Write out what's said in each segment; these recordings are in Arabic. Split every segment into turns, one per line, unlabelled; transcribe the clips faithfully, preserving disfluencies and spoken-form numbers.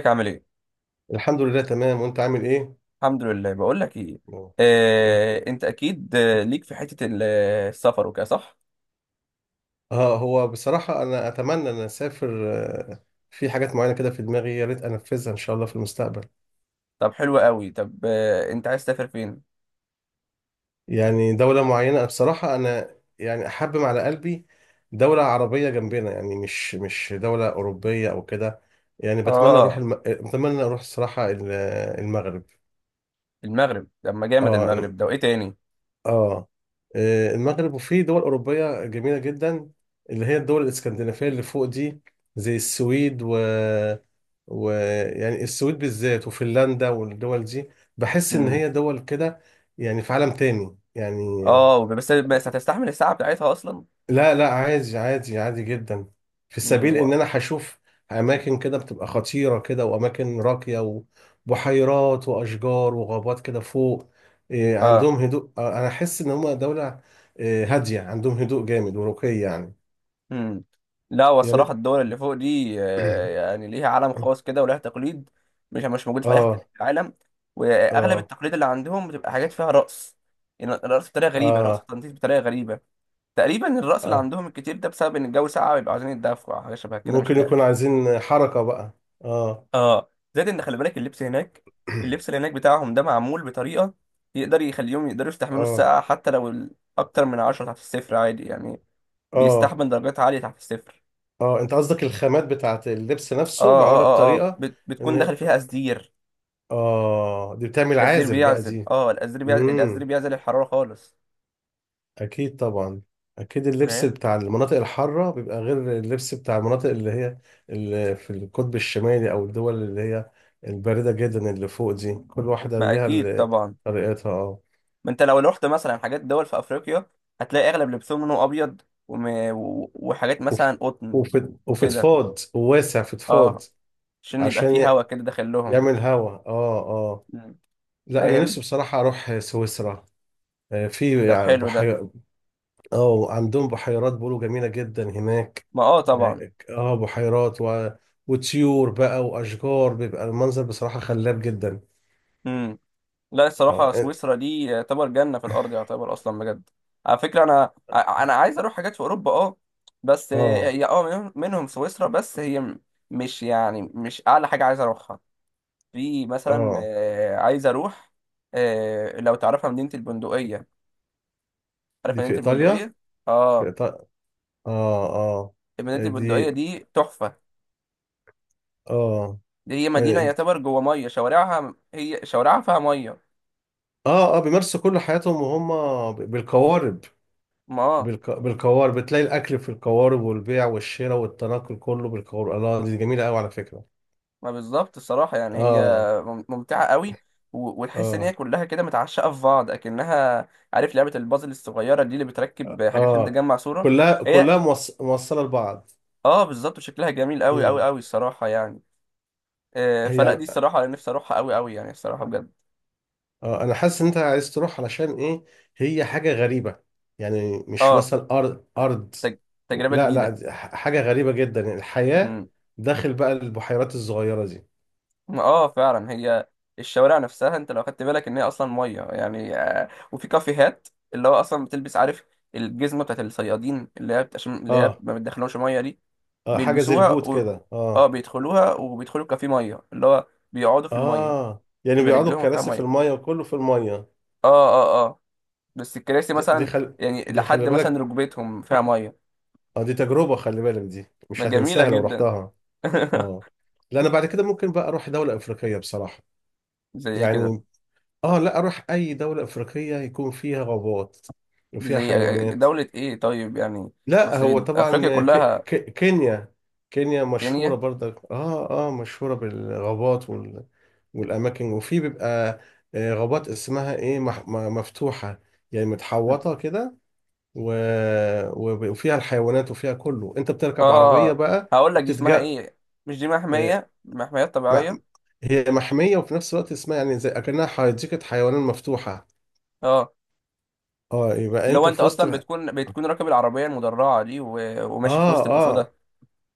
ازيك عامل ايه؟
الحمد لله تمام، وانت عامل ايه؟
الحمد لله. بقول لك ايه، آه، انت اكيد، آه، ليك في حتة ال- آه، السفر وكده، صح؟
اه، هو بصراحة انا اتمنى ان اسافر. آه، في حاجات معينة كده في دماغي، يا ريت انفذها ان شاء الله في المستقبل.
طب حلو قوي. طب آه، انت عايز تسافر فين؟
يعني دولة معينة، أنا بصراحة انا يعني احبم على قلبي. دولة عربية جنبنا، يعني مش مش دولة اوروبية او كده. يعني بتمنى اروح
اه،
الم... بتمنى اروح الصراحة ال- المغرب.
المغرب. طب ما جامد،
اه
المغرب ده وايه تاني؟
اه آه، المغرب، وفي دول أوروبية جميلة جدا، اللي هي الدول الإسكندنافية اللي فوق دي، زي السويد و... و يعني السويد بالذات وفنلندا والدول دي. بحس إن
امم
هي دول كده، يعني في عالم تاني يعني.
اه، بس بس هتستحمل الساعة بتاعتها اصلا؟
لا لا، عادي عادي عادي جدا، في
امم
سبيل
و...
ان انا هشوف اماكن كده بتبقى خطيرة كده، واماكن راقية، وبحيرات واشجار وغابات كده فوق. إيه،
اه
عندهم هدوء. آه، انا احس ان هم دولة إيه، هادية، عندهم هدوء جامد ورقي يعني.
امم لا،
يا
والصراحة
ريت.
الدول اللي فوق دي آه، يعني ليها عالم خاص كده، ولها تقليد مش مش موجود في اي حتة
اه
في العالم، واغلب
اه
التقليد اللي عندهم بتبقى حاجات فيها رقص. يعني رقص بطريقة غريبة، رقص
اه
تنطيط بطريقة غريبة. تقريبا الرأس اللي
اه
عندهم الكتير ده بسبب ان الجو ساقع، بيبقوا عايزين يتدفوا أو حاجه شبه كده، مش
ممكن يكون
عارف.
عايزين حركة بقى. اه.
اه، زائد ان خلي بالك اللبس هناك. اللبس اللي هناك بتاعهم ده معمول بطريقه يقدر يخليهم يقدروا يستحملوا
اه
السقعه، حتى لو ال- اكتر من عشرة تحت الصفر عادي يعني.
اه
بيستحمل درجات عاليه تحت الصفر.
اه انت قصدك الخامات بتاعت اللبس نفسه
اه اه
معمولة
اه اه
بطريقة
بت... بتكون
ان
داخل فيها أزدير.
اه دي بتعمل
الأزدير
عازل بقى
بيعزل
دي.
اه الأزدير بيعزل الأزدير
امم.
بيعزل الحراره خالص.
اكيد طبعا. اكيد اللبس
فاهم.
بتاع المناطق الحاره بيبقى غير اللبس بتاع المناطق اللي هي، اللي في القطب الشمالي، او الدول اللي هي البارده جدا اللي فوق دي، كل واحده
ما
ليها
اكيد
ال-
طبعا.
طريقتها اه
ما انت لو رحت مثلا حاجات دول في افريقيا، هتلاقي اغلب لبسهم لونه ابيض وم... و- وحاجات
وف-
مثلا قطن
وف-
وكده.
وفضفاض وواسع فضفاض،
اه، عشان يبقى
عشان
فيه هوا
ي-
كده داخل لهم.
يعمل هوا اه اه
مم.
لا، انا
فاهم.
نفسي بصراحه اروح سويسرا. آه، في
ده
يعني
حلو ده.
بحيرة. اه، عندهم بحيرات بيقولوا جميله جدا هناك.
ما اه طبعا.
اه، بحيرات و... وطيور بقى واشجار، بيبقى المنظر بصراحه خلاب جدا.
امم لا، الصراحه
اه
سويسرا دي يعتبر جنه في الارض، يعتبر اصلا بجد. على فكره، انا ع- انا عايز اروح حاجات في اوروبا، اه بس
اه
هي اه منهم منهم سويسرا، بس هي م- مش يعني مش اعلى حاجه عايز اروحها. في مثلا
اه
آه، عايز اروح آه، لو تعرفها مدينة البندقية. عارف
دي في
مدينة
ايطاليا.
البندقية؟
في
اه.
إيطاليا. اه
مدينة
اه
البندقية
دي
دي تحفة.
اه
دي هي مدينة
اه
يعتبر جوه مية شوارعها، هي شوارعها فيها مية.
اه بيمارسوا كل حياتهم وهم بالقوارب.
ما آه،
بالق... بالقوارب، بتلاقي الاكل في القوارب، والبيع والشراء والتنقل كله بالقوارب. الله، دي جميله قوي على فكره.
ما بالظبط، الصراحة يعني هي
اه
مم- ممتعة قوي، و- وتحس ان هي
اه
كلها كده متعشقة في بعض، اكنها عارف لعبة البازل الصغيرة دي اللي بتركب حاجات عشان
اه
تجمع صورة.
كلها
هي،
كلها موص... موصله لبعض.
اه بالظبط. وشكلها جميل قوي قوي
مم.
قوي الصراحة يعني. آه،
هي
فلا دي الصراحة انا نفسي اروحها قوي قوي، يعني الصراحة بجد.
اه انا حاسس ان انت عايز تروح علشان ايه. هي حاجه غريبه، يعني مش
اه،
مثلا ارض ارض.
تج... تجربة
لا لا،
جديدة.
دي ح- حاجه غريبه جدا، يعني الحياه
امم
داخل بقى البحيرات الصغيره دي.
اه فعلا. هي الشوارع نفسها، انت لو خدت بالك ان هي اصلا ميه يعني، آه، وفي كافيهات اللي هو اصلا بتلبس، عارف الجزمه بتاعت الصيادين اللي هي بت- عشان اللي هي
اه
ما بتدخلهمش ميه دي.
اه حاجه زي
بيلبسوها
البوت
و...
كده،
اه،
اه.
بيدخلوها، وبيدخلوا كافيه ميه اللي هو بيقعدوا في الميه.
اه، يعني
بيبقى
بيقعدوا
رجلهم فيها
الكراسي في
ميه.
الميه وكله في الميه.
اه، اه، اه، بس الكراسي
دي, دي
مثلا،
خل
يعني
دي خلي
لحد مثلا
بالك.
ركبتهم فيها ميه.
اه، دي تجربه، خلي بالك دي
ما
مش
جميله
هتنساها لو
جدا.
رحتها. اه، لا انا بعد كده ممكن بقى اروح دوله افريقيه بصراحه.
زي ايه كده؟
يعني اه لا اروح اي دولة افريقية يكون فيها غابات، وفيها
زي
حيوانات.
دولة ايه طيب يعني؟ ما
لا
اصل
هو
في افريقيا
طبعا ك...
كلها،
ك... كينيا. كينيا مشهورة
كينيا.
برضك، اه اه مشهورة بالغابات وال... والاماكن، وفي بيبقى آه، غابات اسمها ايه، مح... م- مفتوحة، يعني
مم.
متحوطة كده. و... وب- وفيها الحيوانات وفيها كله، انت بتركب عربية
اه،
بقى
هقول لك دي اسمها
وبتتجا
ايه، مش دي
آه،
محمية، محميات
مع-
طبيعية.
هي محمية، وفي نفس الوقت اسمها يعني زي اكنها حديقة حيوانات مفتوحة.
اه،
اه، يبقى
اللي هو
انت
انت
في وسط.
اصلا بتكون بتكون راكب العربية المدرعة دي و... وماشي في
اه
وسط الاسودة،
اه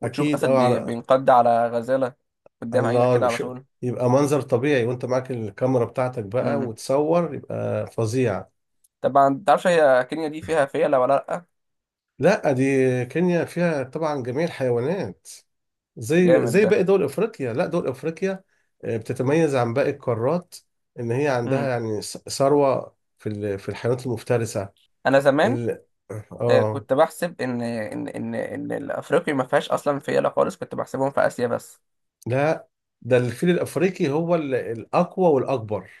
وتشوف
اكيد.
اسد
اه
بي...
على
بينقض على غزالة قدام عينك كده
الله.
على
شو...
طول.
يبقى منظر طبيعي، وانت معاك الكاميرا بتاعتك بقى
امم
وتصور، يبقى فظيع.
طبعا، متعرفش هي كينيا دي فيها فيلة ولا لأ؟
لا، دي كينيا فيها طبعا جميع الحيوانات، زي
جامد
زي
ده.
باقي دول افريقيا. لا، دول افريقيا آه، بتتميز عن باقي القارات، ان هي عندها
امم
يعني ث- ثروة في ال... في الحيوانات المفترسة.
انا زمان
ال...
آه،
اه
كنت بحسب ان ان ان ان الافريقيا ما فيهاش اصلا فيلة خالص، كنت بحسبهم في اسيا بس.
لا، ده الفيل الافريقي هو ال... الاقوى والاكبر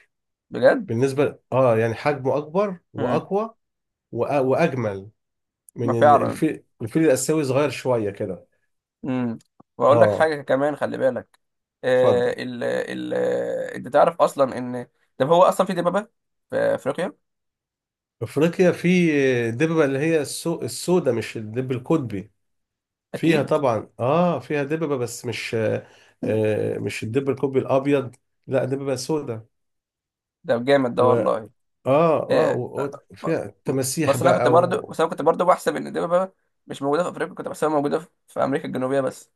بجد.
بالنسبة، اه يعني حجمه اكبر
مم.
واقوى وأ- واجمل
ما
من ال-
فعلا.
الفيل الفيل الاسيوي، صغير شويه كده.
مم. واقول لك
اه،
حاجه كمان، خلي بالك. آه
اتفضل.
ال ال آه، انت تعرف اصلا ان، طب هو اصلا في دبابه في افريقيا؟
افريقيا في دببه اللي هي السو... السوداء، مش الدب القطبي. فيها
اكيد.
طبعا، اه فيها دببه بس مش، آه، مش الدب القطبي الابيض، لا دببه سوداء.
ده جامد ده
و اه
والله.
اه
آه
و...
آه،
و-
ب-
فيها تماسيح
بس انا كنت
بقى.
برضو بس انا كنت برضو بحسب ان الدبابه مش موجوده في افريقيا، كنت بحسبها موجوده في في امريكا الجنوبيه بس،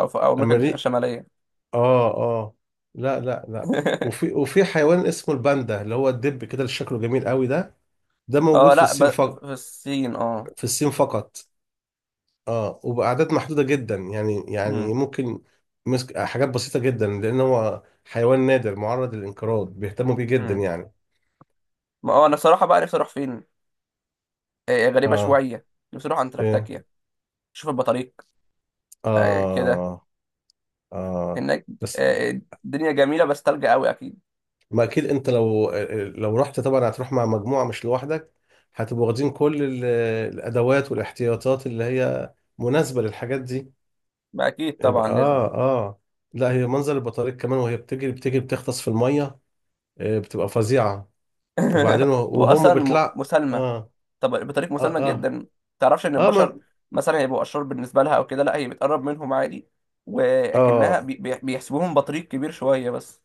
او في او امريكا الج-
وامريك
الشماليه.
اه اه لا لا لا. وفي وفي حيوان اسمه الباندا، اللي هو الدب كده اللي شكله جميل قوي ده، ده موجود
اه،
في
لا، ب...
الصين فقط.
في الصين، اه.
في الصين فقط، اه، وبأعداد محدودة جدا، يعني
مم.
يعني ممكن مسك حاجات بسيطة جدا، لأن هو حيوان نادر معرض للانقراض، بيهتموا بيه جدا
مم.
يعني.
ما هو انا صراحه بقى نفسي اروح فين، آه غريبه
اه.
شويه. نفسي اروح
ايه.
انتاركتيكا، شوف البطاريق آه، كده
اه اه
هناك.
بس
آه، الدنيا جميلة بس تلج قوي أكيد.
ما أكيد، أنت لو لو رحت طبعا هتروح مع مجموعة مش لوحدك، هتبقوا واخدين كل ال- الأدوات والاحتياطات اللي هي مناسبة للحاجات دي.
ما أكيد طبعا
يبقى
لازم.
اه اه لا، هي منظر البطاريق كمان، وهي بتجري بتجري بتغطس في المية آه، بتبقى فظيعة. وبعدين و- وهم
وأصلا م-
بيطلع.
مسالمة.
اه
طب بطريقة مسالمة
اه اه
جدا. تعرفش إن
اه
البشر
ما
مثلا هيبقوا أشرار بالنسبة لها أو كده؟ لا، هي بتقرب منهم عادي، ولكنها
اه
بي- بي- بيحسبوهم بطريق كبير شوية بس.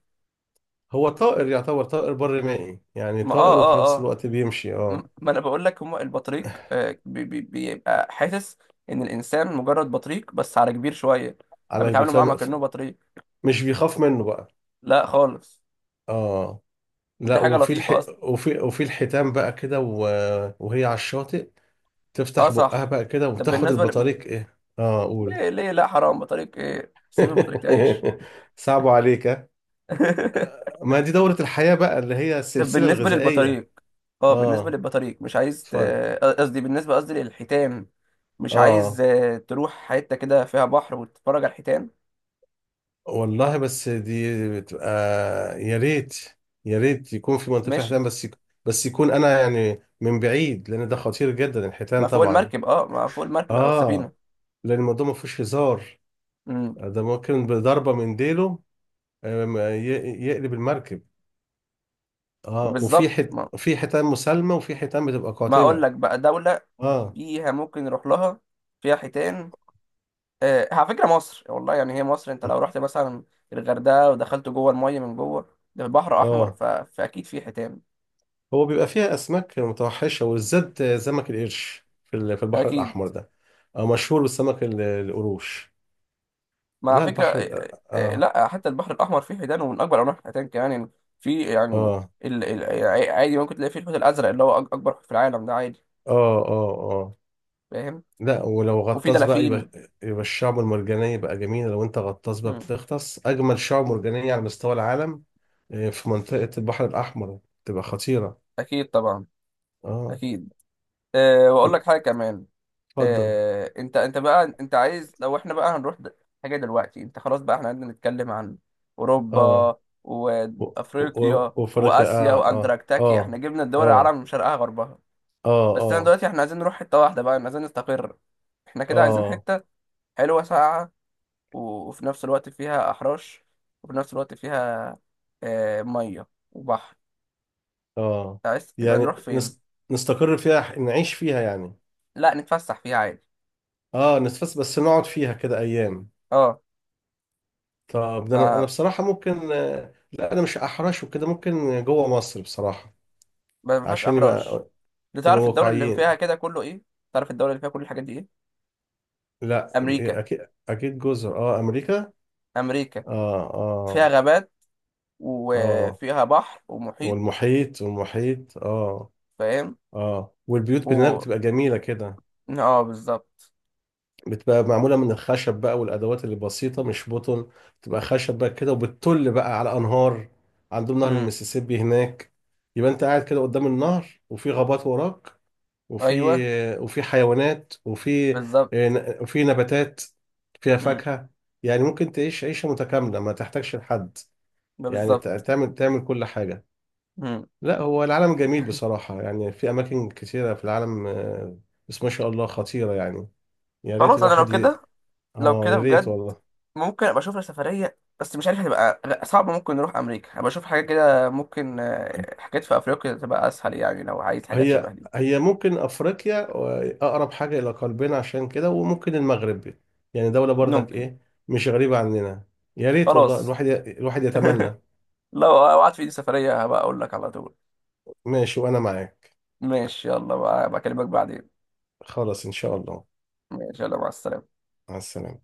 هو طائر يعتبر طائر بري مائي، يعني
ما آه
طائر وفي
آه
نفس
آه
الوقت بيمشي
م-
اه.
ما أنا بقول لك، هما البطريق آه، بي- بي- بيبقى حاسس إن الإنسان مجرد بطريق بس على كبير شوية،
على
فبيتعاملوا معاه ما
بيفهم.
كأنه بطريق.
مش بيخاف منه بقى.
لا خالص.
اه
ودي
لا،
حاجة
وفي الح...
لطيفة.
وفي وفي الحيتان بقى كده، و... وهي على الشاطئ
اه،
تفتح بقها
صح.
بقى كده
طب
وتاخد
بالنسبة ل...
البطاريق ايه، اه، قول.
ليه ليه لا، حرام، بطريق ايه، سيب البطريق تعيش.
صعب عليك ها؟ ما دي دورة الحياة بقى، اللي هي
طب
السلسلة
بالنسبة
الغذائية.
للبطاريق، اه، بالنسبة
اه،
للبطاريق مش عايز ت-
اتفضل.
قصدي، بالنسبة، قصدي للحيتان، مش عايز
اه
آه، تروح حتة كده فيها بحر وتتفرج على الحيتان؟
والله، بس دي بتبقى يا ريت. يا ريت يكون في منطقة فيها
ماشي.
حيتان، بس يك... بس يكون انا يعني من بعيد، لان ده خطير جدا الحيتان
ما فوق
طبعا.
المركب، اه ما فوق المركب او السفينة.
اه، لان الموضوع ما فيهوش هزار،
امم
ده ممكن بضربة من ديله آم، ي... يقلب المركب.
ما
اه، وفي
بالظبط
حت...
ما,
في حيتان مسالمة، وفي حيتان بتبقى
ما اقول
قاتلة.
لك بقى دولة
اه
فيها ممكن نروح لها، فيها حيتان. آه، على فكره، مصر والله. يعني هي مصر، انت لو رحت مثلا الغردقه ودخلت جوه الميه من جوه، ده بحر احمر،
اه
ف... فاكيد في حيتان.
هو بيبقى فيها اسماك متوحشة، وبالذات سمك القرش في ال- في البحر
اكيد.
الاحمر ده. آه، مشهور بالسمك ال- القروش.
ما على
لا
فكره،
البحر
آه،
ال-
آه، آه،
اه
لا حتى البحر الاحمر فيه حيتان، ومن اكبر انواع الحيتان كمان يعني. في يعني
اه
ال... ال... عادي ممكن تلاقي فيه الحوت الازرق اللي هو أك- اكبر حوت في العالم ده عادي.
اه اه اه
فاهم.
لا، ولو
وفي
غطاس بقى يبقى
دلافين.
يبقى الشعب المرجانية بقى جميلة، لو انت غطاس بقى
مم.
بتغطس أجمل شعب مرجانية على مستوى العالم آه، في منطقة البحر الأحمر، تبقى خطيرة.
اكيد طبعا،
اه،
اكيد. أه واقول لك حاجه كمان.
اتفضل.
آه، انت انت بقى، انت عايز لو احنا بقى هنروح د- حاجه دلوقتي، انت خلاص بقى احنا قعدنا نتكلم عن
اه
اوروبا
و- و- و-
وافريقيا
وأفريقيا
واسيا
اه اه
واندراكتاكي، احنا
اه
جبنا الدول
اه
العالم من شرقها غربها.
اه
بس انا
اه
دلوقتي احنا عايزين نروح حته واحده بقى، عايزين نستقر، احنا كده عايزين
اه
حته حلوه ساقعه، و- وفي نفس الوقت فيها احراش، وفي نفس الوقت فيها آه، ميه وبحر.
اه
عايز يبقى
يعني
نروح فين؟
نس- نستقر فيها، نعيش فيها يعني.
لا، نتفسح فيها عادي.
اه، نتفس بس نقعد فيها كده أيام.
اه،
طب ده انا أنا
ما
بصراحه ممكن آه، لا، انا مش احرش وكده، ممكن جوه مصر بصراحه،
ما ما فيهاش
عشان
احراج.
يبقى
انت
نبقى
تعرف الدولة اللي فيها
واقعيين.
كده كله ايه؟ تعرف الدولة اللي فيها كل الحاجات دي ايه؟
لا،
امريكا.
اكيد اكيد جزر اه امريكا.
امريكا
اه
فيها
اه
غابات،
اه
وفيها بحر ومحيط.
والمحيط والمحيط اه
فاهم.
اه، والبيوت هناك
و
بتبقى جميله كده،
اه، بالظبط.
بتبقى معموله من الخشب بقى، والادوات اللي بسيطه مش بطن، بتبقى خشب بقى كده، وبتطل بقى على انهار، عندهم نهر
امم
المسيسيبي هناك. يبقى انت قاعد كده قدام النهر، وفي غابات وراك، وفي
ايوه،
وفي حيوانات وفي
بالظبط.
وفي نباتات فيها
امم
فاكهة. يعني ممكن تعيش عيشة متكاملة، ما تحتاجش لحد،
ده
يعني ت-
بالظبط.
تعمل تعمل كل حاجة.
امم
لا، هو العالم جميل بصراحة، يعني في أماكن كثيرة في العالم آه، بس ما شاء الله خطيرة يعني، يا ريت
خلاص، انا لو
الواحد ي...
كده، لو
آه،
كده
يا ريت
بجد
والله.
ممكن ابقى اشوف لي سفرية، بس مش عارف هتبقى غ- صعبة. ممكن نروح امريكا ابقى اشوف حاجات كده، ممكن آه، حاجات في افريقيا تبقى اسهل يعني لو عايز حاجات شبه
هي
دي.
هي ممكن أفريقيا آه، أقرب حاجة إلى قلبنا عشان كده، وممكن المغرب، يعني دولة برضك
ممكن.
إيه، مش غريبة عننا. يا ريت والله،
خلاص،
الواحد ي... الواحد يتمنى.
لو وقعت في ايدي سفرية هبقى اقول لك على طول.
ماشي، وانا معاك.
ماشي. يلا بقى، بكلمك بعدين.
خلاص ان شاء الله.
ماشي، يلا مع السلامة.
مع السلامة.